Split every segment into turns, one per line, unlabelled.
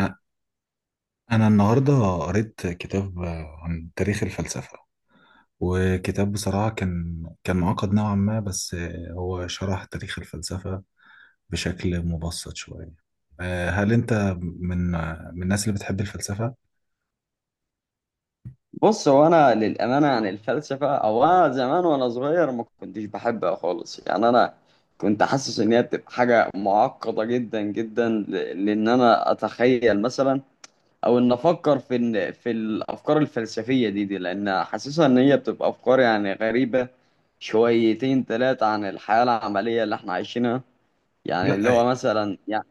أ- أنا النهاردة قريت كتاب عن تاريخ الفلسفة. وكتاب بصراحة كان معقد نوعا ما، بس هو شرح تاريخ الفلسفة بشكل مبسط شوية. هل أنت من من الناس اللي بتحب الفلسفة؟
بص هو انا للامانه عن الفلسفه او انا زمان وانا صغير ما كنتش بحبها خالص. يعني انا كنت حاسس ان هي بتبقى حاجه معقده جدا جدا لان انا اتخيل مثلا او ان افكر في إن في الافكار الفلسفيه دي لان حاسسها ان هي بتبقى افكار يعني غريبه شويتين ثلاثه عن الحياه العمليه اللي احنا عايشينها، يعني
لا.
اللي هو مثلا يعني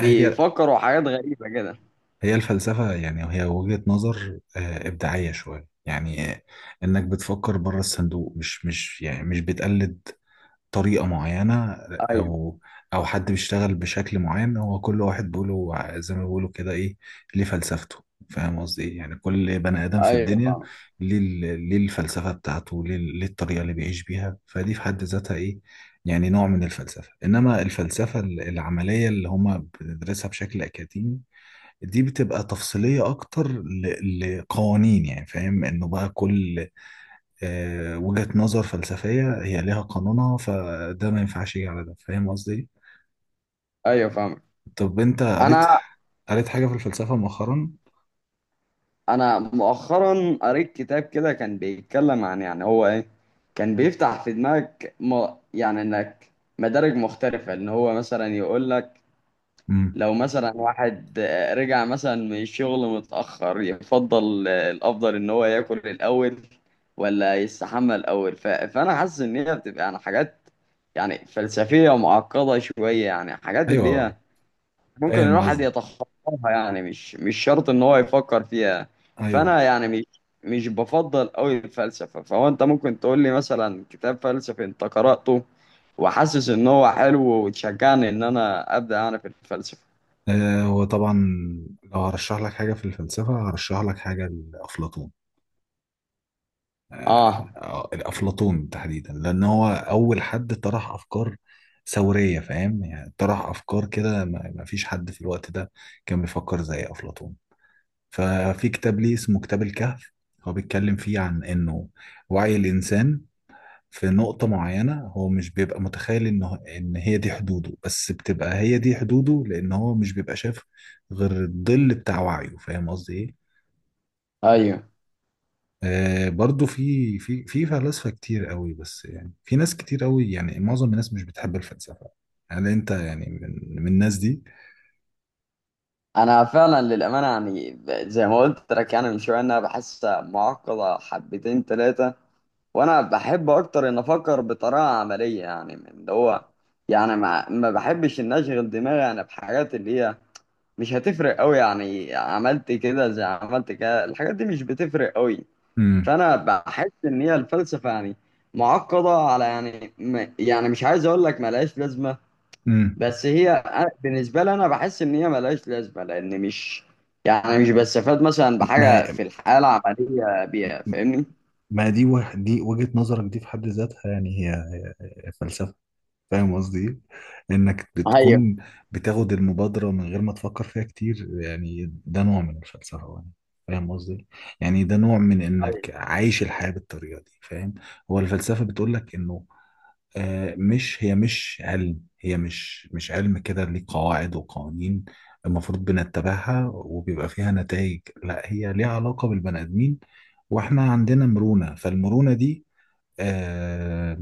هي
حاجات غريبه كده.
هي الفلسفة، يعني هي وجهة نظر إبداعية شوية، يعني إنك بتفكر بره الصندوق، مش مش يعني مش بتقلد طريقة معينة.
ايوه،
أو أو حد بيشتغل بشكل معين. هو كل واحد بيقوله، زي ما بيقولوا كده، إيه ليه فلسفته. فاهم قصدي إيه؟ يعني كل بني آدم في
ايوه
الدنيا،
فاهم.
ليه الفلسفة بتاعته، ليه الطريقة اللي بيعيش بيها، فدي في حد ذاتها إيه. يعني نوع من الفلسفة. إنما الفلسفة العملية اللي هما بندرسها بشكل أكاديمي، دي بتبقى تفصيلية أكتر لقوانين. يعني فاهم إنه بقى كل وجهة نظر فلسفية هي ليها قانونها، فده ما ينفعش يجي على ده. فاهم قصدي؟
ايوه فاهم.
طب انت قريت،
انا
حاجة في الفلسفة مؤخرا؟
انا مؤخرا قريت كتاب كده كان بيتكلم عن، يعني هو ايه، كان بيفتح في دماغك يعني انك مدارج مختلفة، ان هو مثلا يقول لك
امم.
لو مثلا واحد رجع مثلا من الشغل متأخر يفضل، الافضل ان هو ياكل الاول ولا يستحمى الاول. فانا حاسس ان هي بتبقى يعني حاجات يعني فلسفية معقدة شوية، يعني حاجات اللي هي
ايوه،
ممكن
فاهم
الواحد
قصدي.
يتخطاها، يعني مش شرط ان هو يفكر فيها.
ايوه.
فانا يعني مش مش بفضل قوي الفلسفه. فهو انت ممكن تقول لي مثلا كتاب فلسفي انت قراته وحاسس ان هو حلو وتشجعني ان انا ابدا انا في الفلسفه.
هو طبعا لو هرشح لك حاجة في الفلسفة، هرشح لك حاجة لأفلاطون.
اه،
الأفلاطون تحديدا، لأن هو أول حد طرح أفكار ثورية. فاهم؟ يعني طرح أفكار كده ما فيش حد في الوقت ده كان بيفكر زي أفلاطون. ففي كتاب ليه اسمه كتاب الكهف. هو بيتكلم فيه عن انه وعي الانسان في نقطة معينة، هو مش بيبقى متخيل انه ان هي دي حدوده، بس بتبقى هي دي حدوده لان هو مش بيبقى شاف غير الظل بتاع وعيه. فاهم قصدي ايه؟
ايوه.
برضو في فلاسفة كتير قوي، بس يعني في ناس كتير قوي، يعني معظم الناس مش بتحب الفلسفة. هل انت يعني من الناس دي؟
انا فعلا للامانه يعني زي ما قلت لك، يعني من شويه إن انا بحسها معقده حبتين ثلاثه، وانا بحب اكتر ان افكر بطريقه عمليه، يعني من اللي هو يعني ما بحبش ان اشغل دماغي انا بحاجات اللي هي مش هتفرق قوي، يعني عملت كده زي عملت كده الحاجات دي مش بتفرق قوي.
امم.
فانا بحس ان هي الفلسفه يعني معقده على، يعني يعني مش عايز اقول لك ملهاش لازمه،
امم.
بس هي بالنسبه لي انا بحس ان هي ملهاش لازمه، لان مش يعني مش بستفاد مثلا
ما
بحاجه في الحياه العمليه بيها. فاهمني؟
ما دي دي وجهة نظرك. دي في حد ذاتها، يعني هي هي فلسفة. فاهم قصدي إيه؟ انك
ايوه.
بتكون بتاخد المبادرة من غير ما تفكر فيها كتير. يعني ده نوع من الفلسفة، يعني فاهم قصدي إيه؟ يعني ده نوع من انك
ايوه.
عايش الحياة بالطريقة دي. فاهم. هو الفلسفة بتقول لك انه مش، هي مش علم. هي مش علم كده ليه قواعد وقوانين المفروض بنتبعها وبيبقى فيها نتائج. لا، هي ليها علاقة بالبني آدمين. واحنا عندنا مرونة. فالمرونة دي آه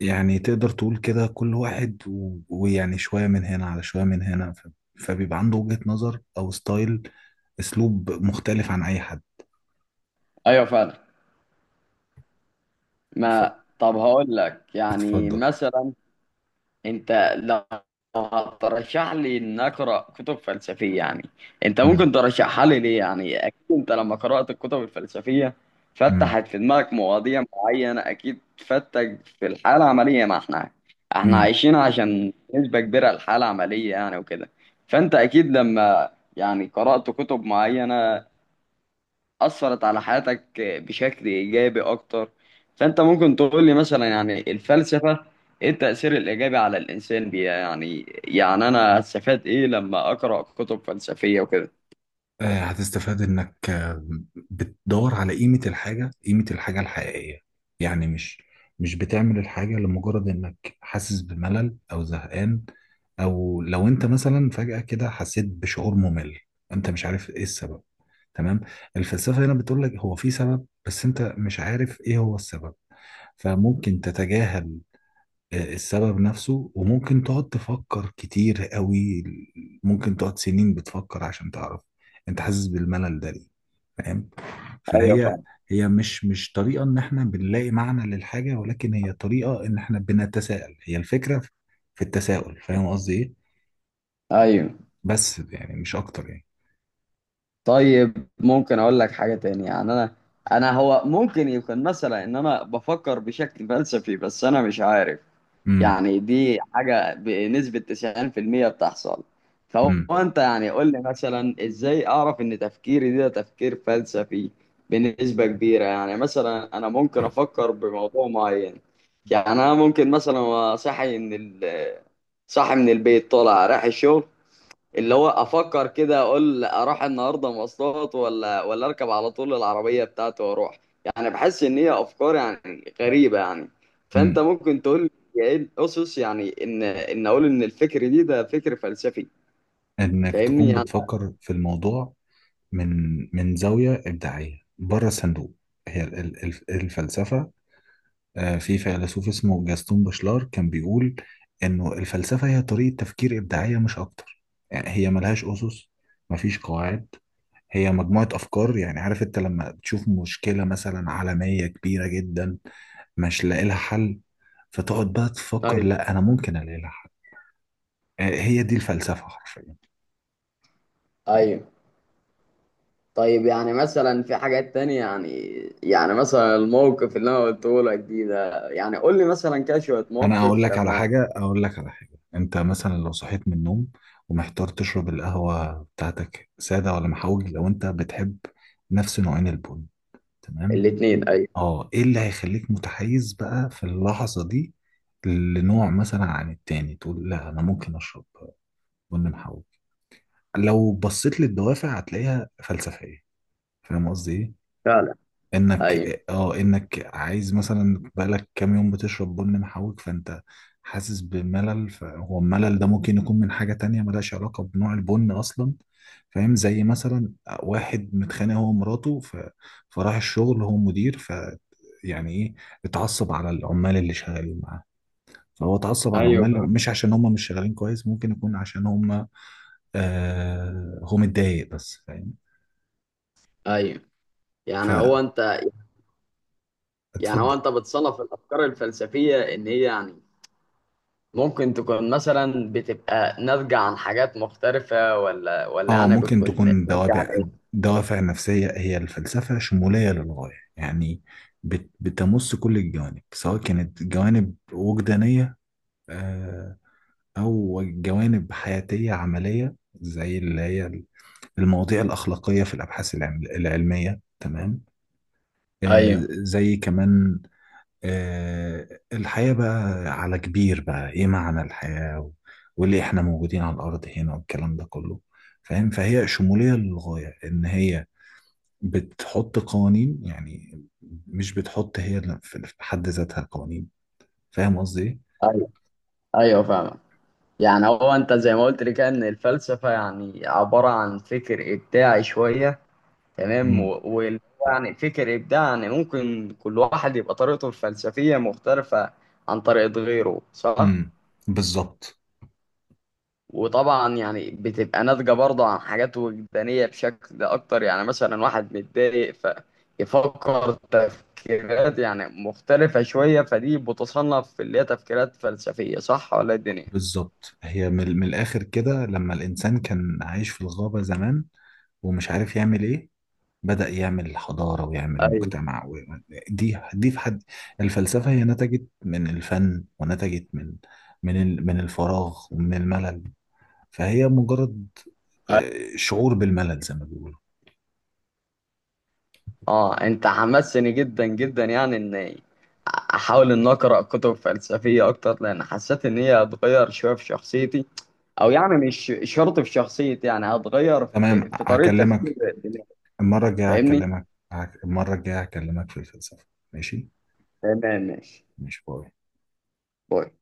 يعني تقدر تقول كده كل واحد ويعني شوية من هنا على شوية من هنا، فبيبقى عنده وجهة نظر أو ستايل، أسلوب مختلف عن أي حد.
ايوه فعلا.
ف-
ما طب هقول لك يعني
اتفضل.
مثلا، انت لو هترشح لي ان اقرا كتب فلسفيه، يعني انت ممكن
مم.
ترشحها لي ليه؟ يعني اكيد انت لما قرات الكتب الفلسفيه فتحت في دماغك مواضيع معينه، اكيد فتك في الحاله العمليه ما احنا
مم.
عايشين عشان نسبه كبيره الحاله العمليه يعني وكده. فانت اكيد لما يعني قرات كتب معينه أثرت على حياتك بشكل إيجابي أكتر، فأنت ممكن تقول لي مثلا يعني الفلسفة إيه التأثير الإيجابي على الإنسان بيها؟ يعني يعني أنا هستفاد إيه لما أقرأ كتب فلسفية وكده؟
هتستفاد انك بتدور على قيمة الحاجة، قيمة الحاجة الحقيقية. يعني مش بتعمل الحاجة لمجرد انك حاسس بملل او زهقان، او لو انت مثلا فجأة كده حسيت بشعور ممل، انت مش عارف ايه السبب. تمام. الفلسفة هنا بتقول لك هو في سبب، بس انت مش عارف ايه هو السبب. فممكن تتجاهل السبب نفسه، وممكن تقعد تفكر كتير قوي. ممكن تقعد سنين بتفكر عشان تعرف انت حاسس بالملل ده ليه. فاهم.
ايوه
فهي
فاهم.
هي مش طريقة ان احنا بنلاقي معنى للحاجة، ولكن هي طريقة ان احنا بنتساءل. هي الفكرة في التساؤل. فاهم قصدي ايه؟
ايوه.
بس يعني مش اكتر، يعني.
طيب ممكن اقول لك حاجه تانية يعني، انا انا هو ممكن يكون مثلا ان انا بفكر بشكل فلسفي بس انا مش عارف،
امم.
يعني دي حاجة بنسبة 90% بتحصل. فهو
امم.
انت يعني قول لي مثلا ازاي اعرف ان تفكيري ده تفكير فلسفي بنسبة كبيرة؟ يعني مثلا انا ممكن افكر بموضوع معين، يعني انا ممكن مثلا أبقى صاحي ان صاحي من البيت طالع رايح الشغل، اللي هو افكر كده اقول اروح النهارده مواصلات ولا اركب على طول العربيه بتاعتي واروح. يعني بحس ان هي افكار يعني غريبه يعني. فانت
امم.
ممكن تقول لي ايه الاسس يعني ان اقول ان الفكر دي ده فكر فلسفي؟
انك
فاهمني
تكون
يعني.
بتفكر في الموضوع من زاوية إبداعية بره الصندوق. هي الفلسفة. في فيلسوف اسمه جاستون بشلار كان بيقول انه الفلسفة هي طريقة تفكير إبداعية مش أكتر. يعني هي ملهاش أسس، مفيش قواعد. هي مجموعة أفكار. يعني عارف أنت لما بتشوف مشكلة مثلا عالمية كبيرة جدا مش لاقي لها حل، فتقعد بقى تفكر،
طيب.
لا أنا ممكن ألاقي لها حل. هي دي الفلسفة حرفيا.
طيب. طيب يعني مثلا في حاجات تانية يعني، يعني مثلا الموقف اللي انا قلته لك دي ده، يعني قول لي مثلا كده شوية
أنا
موقف لما.
أقول لك على حاجة، أنت مثلا لو صحيت من النوم ومحتار تشرب القهوة بتاعتك سادة ولا محوج، لو أنت بتحب نفس نوعين البن. تمام.
الاتنين ايوه.
اه ايه اللي هيخليك متحيز بقى في اللحظة دي لنوع مثلا عن التاني؟ تقول لا، انا ممكن اشرب بن محوج. لو بصيت للدوافع هتلاقيها فلسفية. فاهم قصدي ايه؟
فعلا.
انك
ايوه.
اه انك عايز مثلا بقالك كام يوم بتشرب بن محوج، فانت حاسس بملل. فهو الملل ده ممكن يكون من حاجة تانية ملهاش علاقة بنوع البن اصلا. فاهم. زي مثلا واحد متخانق هو ومراته، فراح الشغل، هو مدير، يعني ايه، اتعصب على العمال اللي شغالين معاه. فهو اتعصب على
ايوه
العمال،
فاهم.
مش عشان هم مش شغالين كويس، ممكن يكون عشان هم هو متضايق بس. فاهم.
ايوه. يعني هو انت، يعني هو
فاتفضل.
انت بتصنف الافكار الفلسفيه ان هي يعني ممكن تكون مثلا بتبقى ناتجه عن حاجات مختلفه ولا
اه
يعني
ممكن
بتكون
تكون
ناتجه عن
دوافع،
ايه؟
دوافع نفسية. هي الفلسفة شمولية للغاية. يعني بتمس كل الجوانب، سواء كانت جوانب وجدانية، آه، أو جوانب حياتية عملية، زي اللي هي المواضيع الأخلاقية في الأبحاث العلمية. تمام. آه،
ايوه.
زي كمان الحياة بقى على كبير، بقى ايه معنى الحياة، وليه احنا موجودين على الارض هنا والكلام ده كله. فاهم. فهي شمولية للغاية ان هي بتحط قوانين. يعني مش بتحط هي في حد ذاتها قوانين. فاهم قصدي ايه؟
ايوه. ايوه فاهمك. يعني هو انت زي ما قلت لي كده ان الفلسفه يعني عباره عن فكر ابداعي شويه، تمام.
مم.
و... و... يعني فكر ابداعي يعني ممكن كل واحد يبقى طريقته الفلسفيه مختلفه عن طريقه غيره، صح؟
امم. بالظبط.
وطبعا يعني بتبقى ناتجة برضه عن حاجات وجدانية بشكل أكتر، يعني مثلا واحد متضايق فيفكر تفكيرات يعني مختلفة شوية، فدي بتصنف في اللي هي تفكيرات فلسفية، صح ولا إيه الدنيا؟
بالظبط. هي من الاخر كده لما الانسان كان عايش في الغابة زمان ومش عارف يعمل ايه، بدأ يعمل حضارة ويعمل
ايوه.
مجتمع دي دي في حد الفلسفة هي نتجت من الفن، ونتجت من الفراغ ومن الملل. فهي مجرد
أيوة.
شعور بالملل زي ما بيقولوا.
اه، انت حمسني جدا جدا يعني ان احاول ان اقرا كتب فلسفيه اكتر، لان حسيت ان هي هتغير شويه في شخصيتي، او يعني مش شرط في شخصيتي، يعني هتغير
تمام.
في طريقه
هكلمك
تفكيري.
المرة الجاية
فاهمني؟
هكلمك هك- المرة الجاية هكلمك في الفلسفة. ماشي.
تمام. ماشي.
ماشي. باي.
باي.